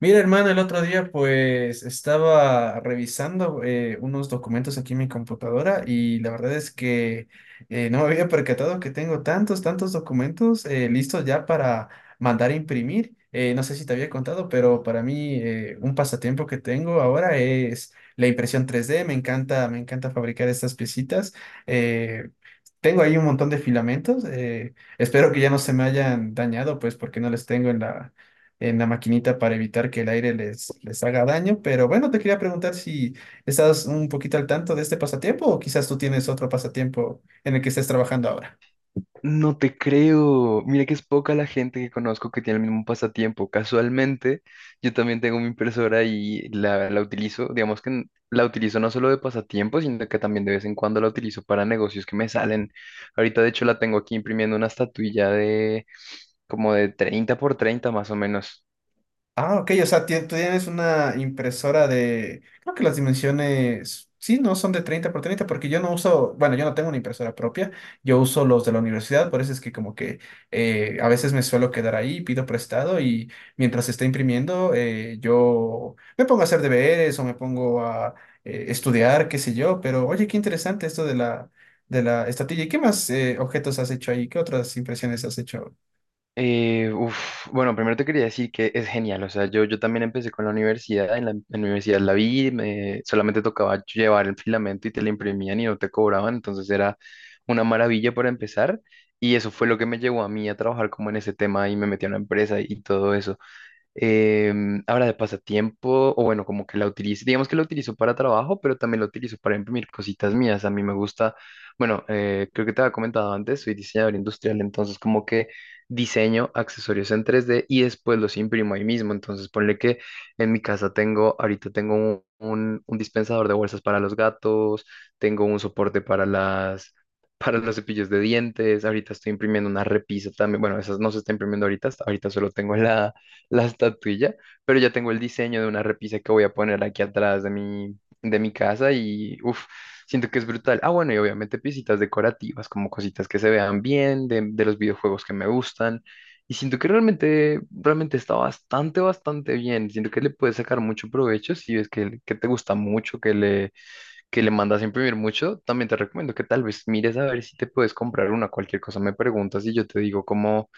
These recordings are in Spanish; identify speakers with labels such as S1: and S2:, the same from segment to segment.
S1: Mira, hermano, el otro día pues estaba revisando unos documentos aquí en mi computadora y la verdad es que no me había percatado que tengo tantos, tantos documentos listos ya para mandar a imprimir. No sé si te había contado, pero para mí un pasatiempo que tengo ahora es la impresión 3D. Me encanta fabricar estas piecitas. Eh, Tengo ahí un montón de filamentos. Espero que ya no se me hayan dañado, pues porque no les tengo en la, maquinita para evitar que el aire les haga daño. Pero bueno, te quería preguntar si estás un poquito al tanto de este pasatiempo o quizás tú tienes otro pasatiempo en el que estés trabajando ahora.
S2: No te creo. Mira que es poca la gente que conozco que tiene el mismo pasatiempo. Casualmente, yo también tengo mi impresora y la utilizo, digamos que la utilizo no solo de pasatiempo, sino que también de vez en cuando la utilizo para negocios que me salen. Ahorita, de hecho, la tengo aquí imprimiendo una estatuilla de como de 30 por 30 más o menos.
S1: Ah, ok, o sea, tú tienes una impresora de, creo que las dimensiones, sí, no son de 30 por 30, porque yo no uso, bueno, yo no tengo una impresora propia, yo uso los de la universidad, por eso es que como que a veces me suelo quedar ahí, pido prestado y mientras se está imprimiendo, yo me pongo a hacer deberes o me pongo a estudiar, qué sé yo, pero oye, qué interesante esto de la, estatilla. ¿Y qué más objetos has hecho ahí? ¿Qué otras impresiones has hecho?
S2: Bueno, primero te quería decir que es genial, o sea, yo también empecé con la universidad, en en la universidad la vi, solamente tocaba llevar el filamento y te lo imprimían y no te cobraban, entonces era una maravilla para empezar y eso fue lo que me llevó a mí a trabajar como en ese tema y me metí a una empresa y todo eso. Ahora de pasatiempo, o bueno, como que la utilizo, digamos que la utilizo para trabajo, pero también la utilizo para imprimir cositas mías. A mí me gusta, bueno, creo que te había comentado antes, soy diseñador industrial, entonces como que diseño accesorios en tres d y después los imprimo ahí mismo. Entonces ponle que en mi casa tengo, ahorita tengo un, un dispensador de bolsas para los gatos, tengo un soporte para las... para los cepillos de dientes, ahorita estoy imprimiendo una repisa también, bueno, esas no se está imprimiendo ahorita, ahorita solo tengo la, la estatuilla, pero ya tengo el diseño de una repisa que voy a poner aquí atrás de mi casa y uff, siento que es brutal. Ah, bueno, y obviamente piecitas decorativas, como cositas que se vean bien, de los videojuegos que me gustan. Y siento que realmente, realmente está bastante, bastante bien. Siento que le puedes sacar mucho provecho si ves que te gusta mucho, que le mandas a imprimir mucho. También te recomiendo que tal vez mires a ver si te puedes comprar una, cualquier cosa me preguntas y yo te digo cómo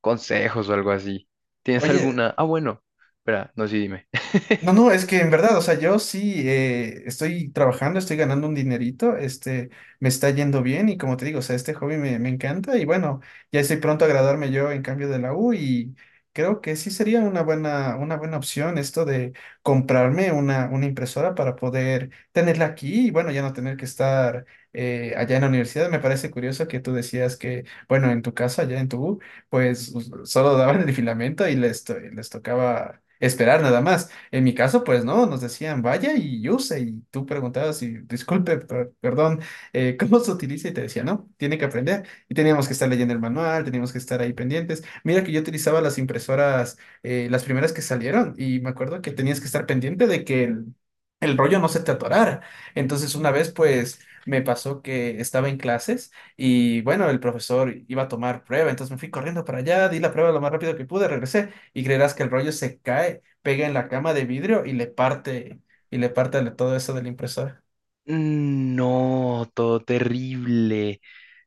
S2: consejos o algo así. ¿Tienes
S1: Oye,
S2: alguna? Ah, bueno, espera, no, sí, dime.
S1: no, no, es que en verdad, o sea, yo sí estoy trabajando, estoy ganando un dinerito, este, me está yendo bien y como te digo, o sea, este hobby me encanta y bueno, ya estoy pronto a graduarme yo en cambio de la U y creo que sí sería una buena, opción esto de comprarme una impresora para poder tenerla aquí y bueno, ya no tener que estar allá en la universidad. Me parece curioso que tú decías que, bueno, en tu casa, allá en tu U, pues solo daban el filamento y les tocaba esperar nada más. En mi caso, pues no, nos decían vaya y use, y tú preguntabas y disculpe, perdón, ¿cómo se utiliza? Y te decía, no, tiene que aprender. Y teníamos que estar leyendo el manual, teníamos que estar ahí pendientes. Mira que yo utilizaba las impresoras, las primeras que salieron, y me acuerdo que tenías que estar pendiente de que el, rollo no se te atorara. Entonces, una vez, pues me pasó que estaba en clases. Y bueno, el profesor iba a tomar prueba, entonces me fui corriendo para allá, di la prueba lo más rápido que pude, regresé y creerás que el rollo se cae pega en la cama de vidrio y le parte todo eso de la impresora.
S2: No, todo terrible.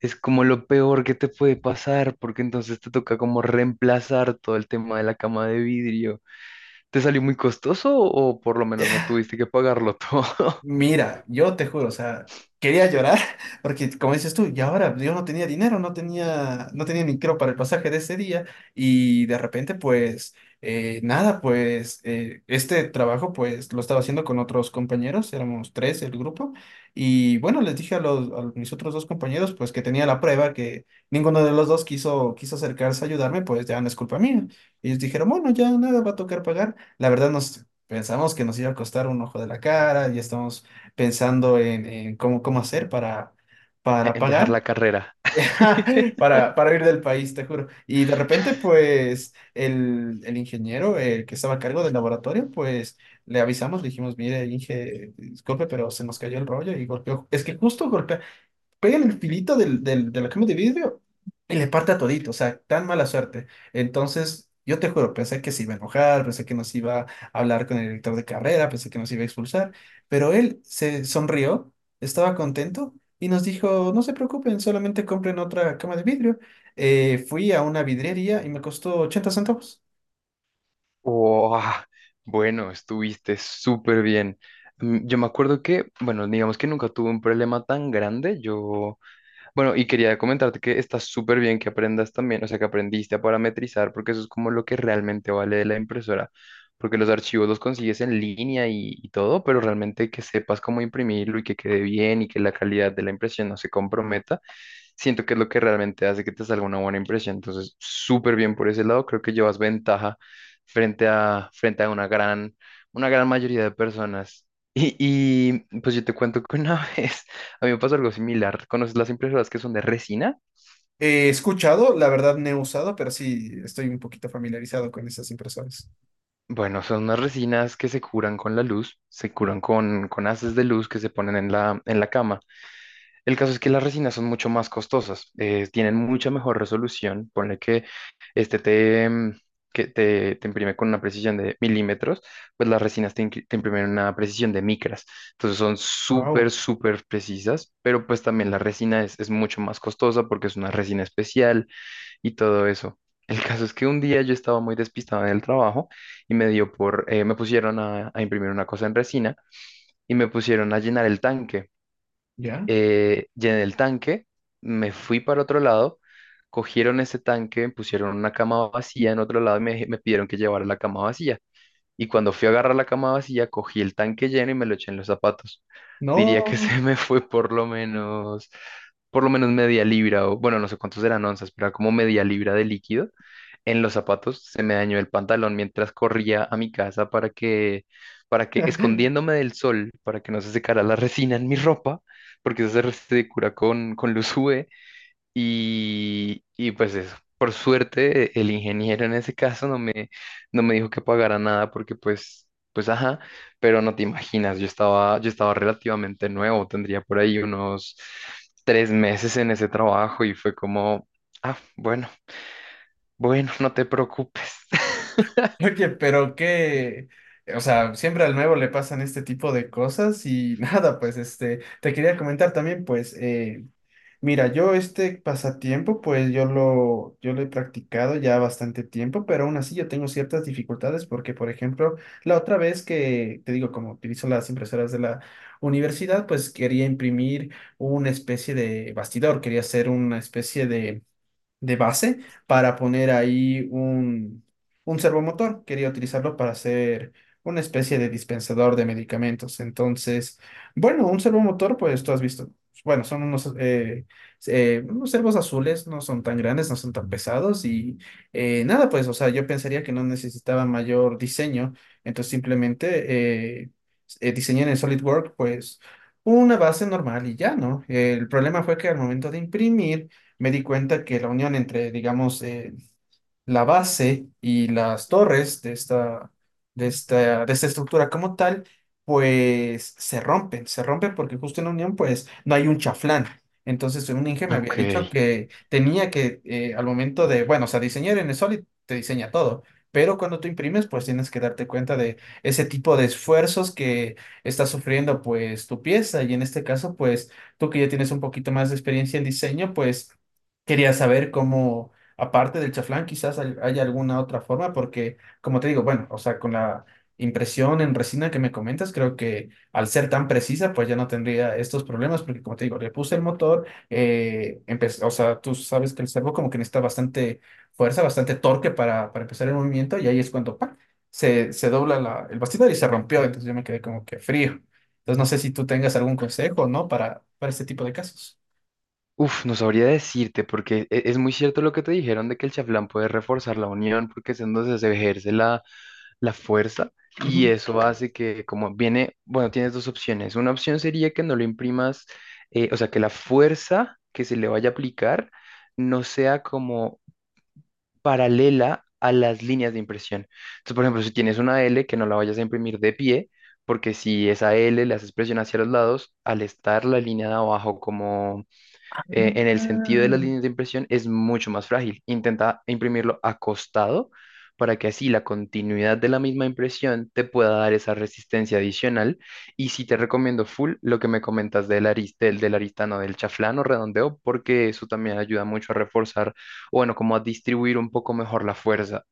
S2: Es como lo peor que te puede pasar, porque entonces te toca como reemplazar todo el tema de la cama de vidrio. ¿Te salió muy costoso o por lo menos no tuviste que pagarlo todo
S1: Mira, yo te juro, o sea, quería llorar porque como dices tú, y ahora yo no tenía dinero, no tenía ni creo para el pasaje de ese día y de repente pues nada, pues este trabajo pues lo estaba haciendo con otros compañeros, éramos tres el grupo y bueno, les dije a los, a mis otros dos compañeros pues que tenía la prueba, que ninguno de los dos quiso acercarse a ayudarme, pues ya no es culpa mía. Y ellos dijeron, bueno, ya nada, va a tocar pagar. La verdad no. Pensamos que nos iba a costar un ojo de la cara, ya estamos pensando en, cómo, hacer para,
S2: en dejar
S1: pagar,
S2: la carrera?
S1: para, ir del país, te juro. Y de repente, pues, el, ingeniero, el que estaba a cargo del laboratorio, pues, le avisamos, le dijimos, mire, Inge, disculpe, pero se nos cayó el rollo y golpeó. Es que justo golpeó, pega en el filito del, de la cama de vidrio y le parte a todito, o sea, tan mala suerte. Entonces, yo te juro, pensé que se iba a enojar, pensé que nos iba a hablar con el director de carrera, pensé que nos iba a expulsar, pero él se sonrió, estaba contento y nos dijo, no se preocupen, solamente compren otra cama de vidrio. Fui a una vidriería y me costó 80 centavos.
S2: Oh, bueno, estuviste súper bien. Mm, yo me acuerdo que, bueno, digamos que nunca tuve un problema tan grande. Yo bueno, y quería comentarte que está súper bien que aprendas también, o sea, que aprendiste a parametrizar, porque eso es como lo que realmente vale de la impresora, porque los archivos los consigues en línea y todo, pero realmente que sepas cómo imprimirlo y que quede bien y que la calidad de la impresión no se comprometa siento que es lo que realmente hace que te salga una buena impresión. Entonces, súper bien por ese lado, creo que llevas ventaja frente a, frente a una gran mayoría de personas. Y, pues yo te cuento que una vez a mí me pasó algo similar. ¿Conoces las impresoras que son de resina?
S1: He escuchado, la verdad no he usado, pero sí estoy un poquito familiarizado con esas impresoras.
S2: Bueno, son unas resinas que se curan con la luz, se curan con haces de luz que se ponen en la cama. El caso es que las resinas son mucho más costosas, tienen mucha mejor resolución. Ponle que este te, mm, que te imprime con una precisión de milímetros, pues las resinas te, te imprimen una precisión de micras. Entonces son súper,
S1: Wow,
S2: súper precisas, pero pues también la resina es mucho más costosa porque es una resina especial y todo eso. El caso es que un día yo estaba muy despistado en el trabajo y me dio por, me pusieron a imprimir una cosa en resina y me pusieron a llenar el tanque
S1: ¿ya?
S2: llené el tanque, me fui para otro lado, cogieron ese tanque, pusieron una cama vacía en otro lado y me pidieron que llevara la cama vacía. Y cuando fui a agarrar la cama vacía, cogí el tanque lleno y me lo eché en los zapatos. Diría que
S1: No.
S2: se me fue por lo menos media libra, o bueno, no sé cuántos eran onzas, pero era como media libra de líquido. En los zapatos se me dañó el pantalón mientras corría a mi casa para que, escondiéndome del sol, para que no se secara la resina en mi ropa, porque eso se, se cura con luz UV, y pues eso, por suerte el ingeniero en ese caso no me, no me dijo que pagara nada porque pues, pues ajá, pero no te imaginas, yo estaba relativamente nuevo, tendría por ahí unos tres meses en ese trabajo y fue como, ah, bueno, bueno, no te preocupes.
S1: Oye, pero qué, o sea, siempre al nuevo le pasan este tipo de cosas y nada, pues este, te quería comentar también, pues, mira, yo este pasatiempo, pues yo lo he practicado ya bastante tiempo, pero aún así yo tengo ciertas dificultades porque, por ejemplo, la otra vez que, te digo, como utilizo las impresoras de la universidad, pues quería imprimir una especie de bastidor, quería hacer una especie de base para poner ahí un, servomotor. Quería utilizarlo para hacer una especie de dispensador de medicamentos. Entonces, bueno, un servomotor, pues tú has visto. Bueno, son unos, unos servos azules, no son tan grandes, no son tan pesados y nada, pues, o sea, yo pensaría que no necesitaba mayor diseño, entonces simplemente diseñé en el SolidWorks, pues, una base normal y ya, ¿no? El problema fue que al momento de imprimir, me di cuenta que la unión entre, digamos, la base y las torres de esta, estructura como tal, pues se rompen, porque justo en la unión pues no hay un chaflán. Entonces un Inge me había
S2: Ok.
S1: dicho que tenía que al momento de, bueno, o sea, diseñar en el Solid te diseña todo. Pero cuando tú imprimes, pues tienes que darte cuenta de ese tipo de esfuerzos que está sufriendo pues tu pieza. Y en este caso, pues tú que ya tienes un poquito más de experiencia en diseño, pues quería saber cómo, aparte del chaflán, quizás haya alguna otra forma, porque, como te digo, bueno, o sea, con la impresión en resina que me comentas, creo que al ser tan precisa, pues ya no tendría estos problemas, porque, como te digo, le puse el motor, o sea, tú sabes que el servo como que necesita bastante fuerza, bastante torque para, empezar el movimiento, y ahí es cuando ¡pac! Se dobla el bastidor y se rompió, entonces yo me quedé como que frío. Entonces, no sé si tú tengas algún consejo, ¿no? Para, este tipo de casos.
S2: Uf, no sabría decirte, porque es muy cierto lo que te dijeron de que el chaflán puede reforzar la unión, porque es en donde se ejerce la, la fuerza, y
S1: Ujú.
S2: eso hace que, como viene, bueno, tienes dos opciones. Una opción sería que no lo imprimas, o sea, que la fuerza que se le vaya a aplicar no sea como paralela a las líneas de impresión. Entonces, por ejemplo, si tienes una L, que no la vayas a imprimir de pie, porque si esa L la haces presión hacia los lados, al estar la línea de abajo como en el sentido de las
S1: Ah.
S2: líneas de impresión es mucho más frágil. Intenta imprimirlo acostado para que así la continuidad de la misma impresión te pueda dar esa resistencia adicional. Y si te recomiendo full lo que me comentas del arista del del aristano, del chaflán o redondeo, porque eso también ayuda mucho a reforzar, o bueno, como a distribuir un poco mejor la fuerza.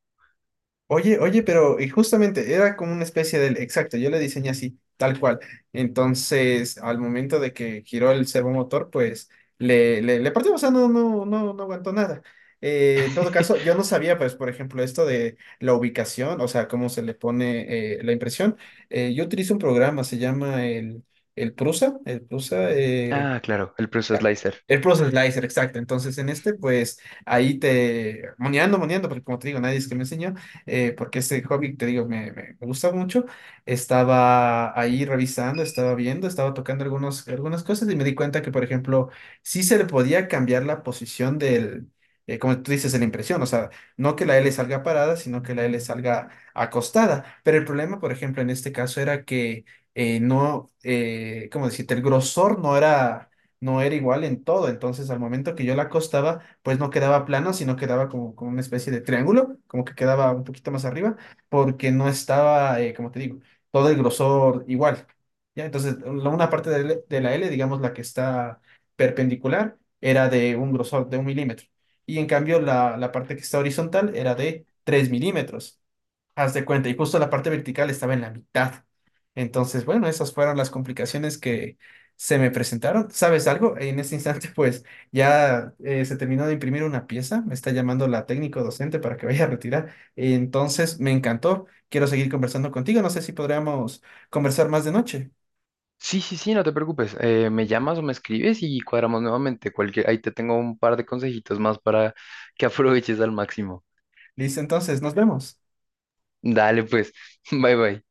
S1: Oye, oye, pero y justamente era como una especie del, exacto, yo le diseñé así, tal cual. Entonces, al momento de que giró el servomotor, pues le partió, o sea, no, no, no, no aguantó nada. En todo caso, yo no sabía, pues, por ejemplo, esto de la ubicación, o sea, cómo se le pone la impresión. Yo utilizo un programa, se llama el, Prusa,
S2: Ah, claro, el proceso
S1: ya.
S2: slicer.
S1: El Process Slicer, exacto. Entonces, en este, pues, ahí te... Moneando, moneando, porque como te digo, nadie es que me enseñó, porque este hobby, te digo, me gusta mucho. Estaba ahí revisando, estaba viendo, estaba tocando algunos, algunas cosas y me di cuenta que, por ejemplo, sí se le podía cambiar la posición del... como tú dices, de la impresión, o sea, no que la L salga parada, sino que la L salga acostada. Pero el problema, por ejemplo, en este caso era que no, ¿cómo decirte? El grosor no era, igual en todo. Entonces, al momento que yo la acostaba, pues no quedaba plano, sino quedaba como, una especie de triángulo, como que quedaba un poquito más arriba, porque no estaba, como te digo, todo el grosor igual. ¿Ya? Entonces, una parte de la L, digamos la que está perpendicular, era de un grosor de 1 milímetro. Y en cambio, la, parte que está horizontal era de 3 milímetros. Haz de cuenta, y justo la parte vertical estaba en la mitad. Entonces, bueno, esas fueron las complicaciones que se me presentaron. ¿Sabes algo? En este instante, pues ya se terminó de imprimir una pieza, me está llamando la técnico docente para que vaya a retirar. Entonces, me encantó, quiero seguir conversando contigo, no sé si podríamos conversar más de noche.
S2: Sí, sí, sí, no te preocupes. Me llamas o me escribes y cuadramos nuevamente. Cualquier, ahí te tengo un par de consejitos más para que aproveches al máximo.
S1: Listo, entonces, nos vemos.
S2: Dale, pues. Bye, bye.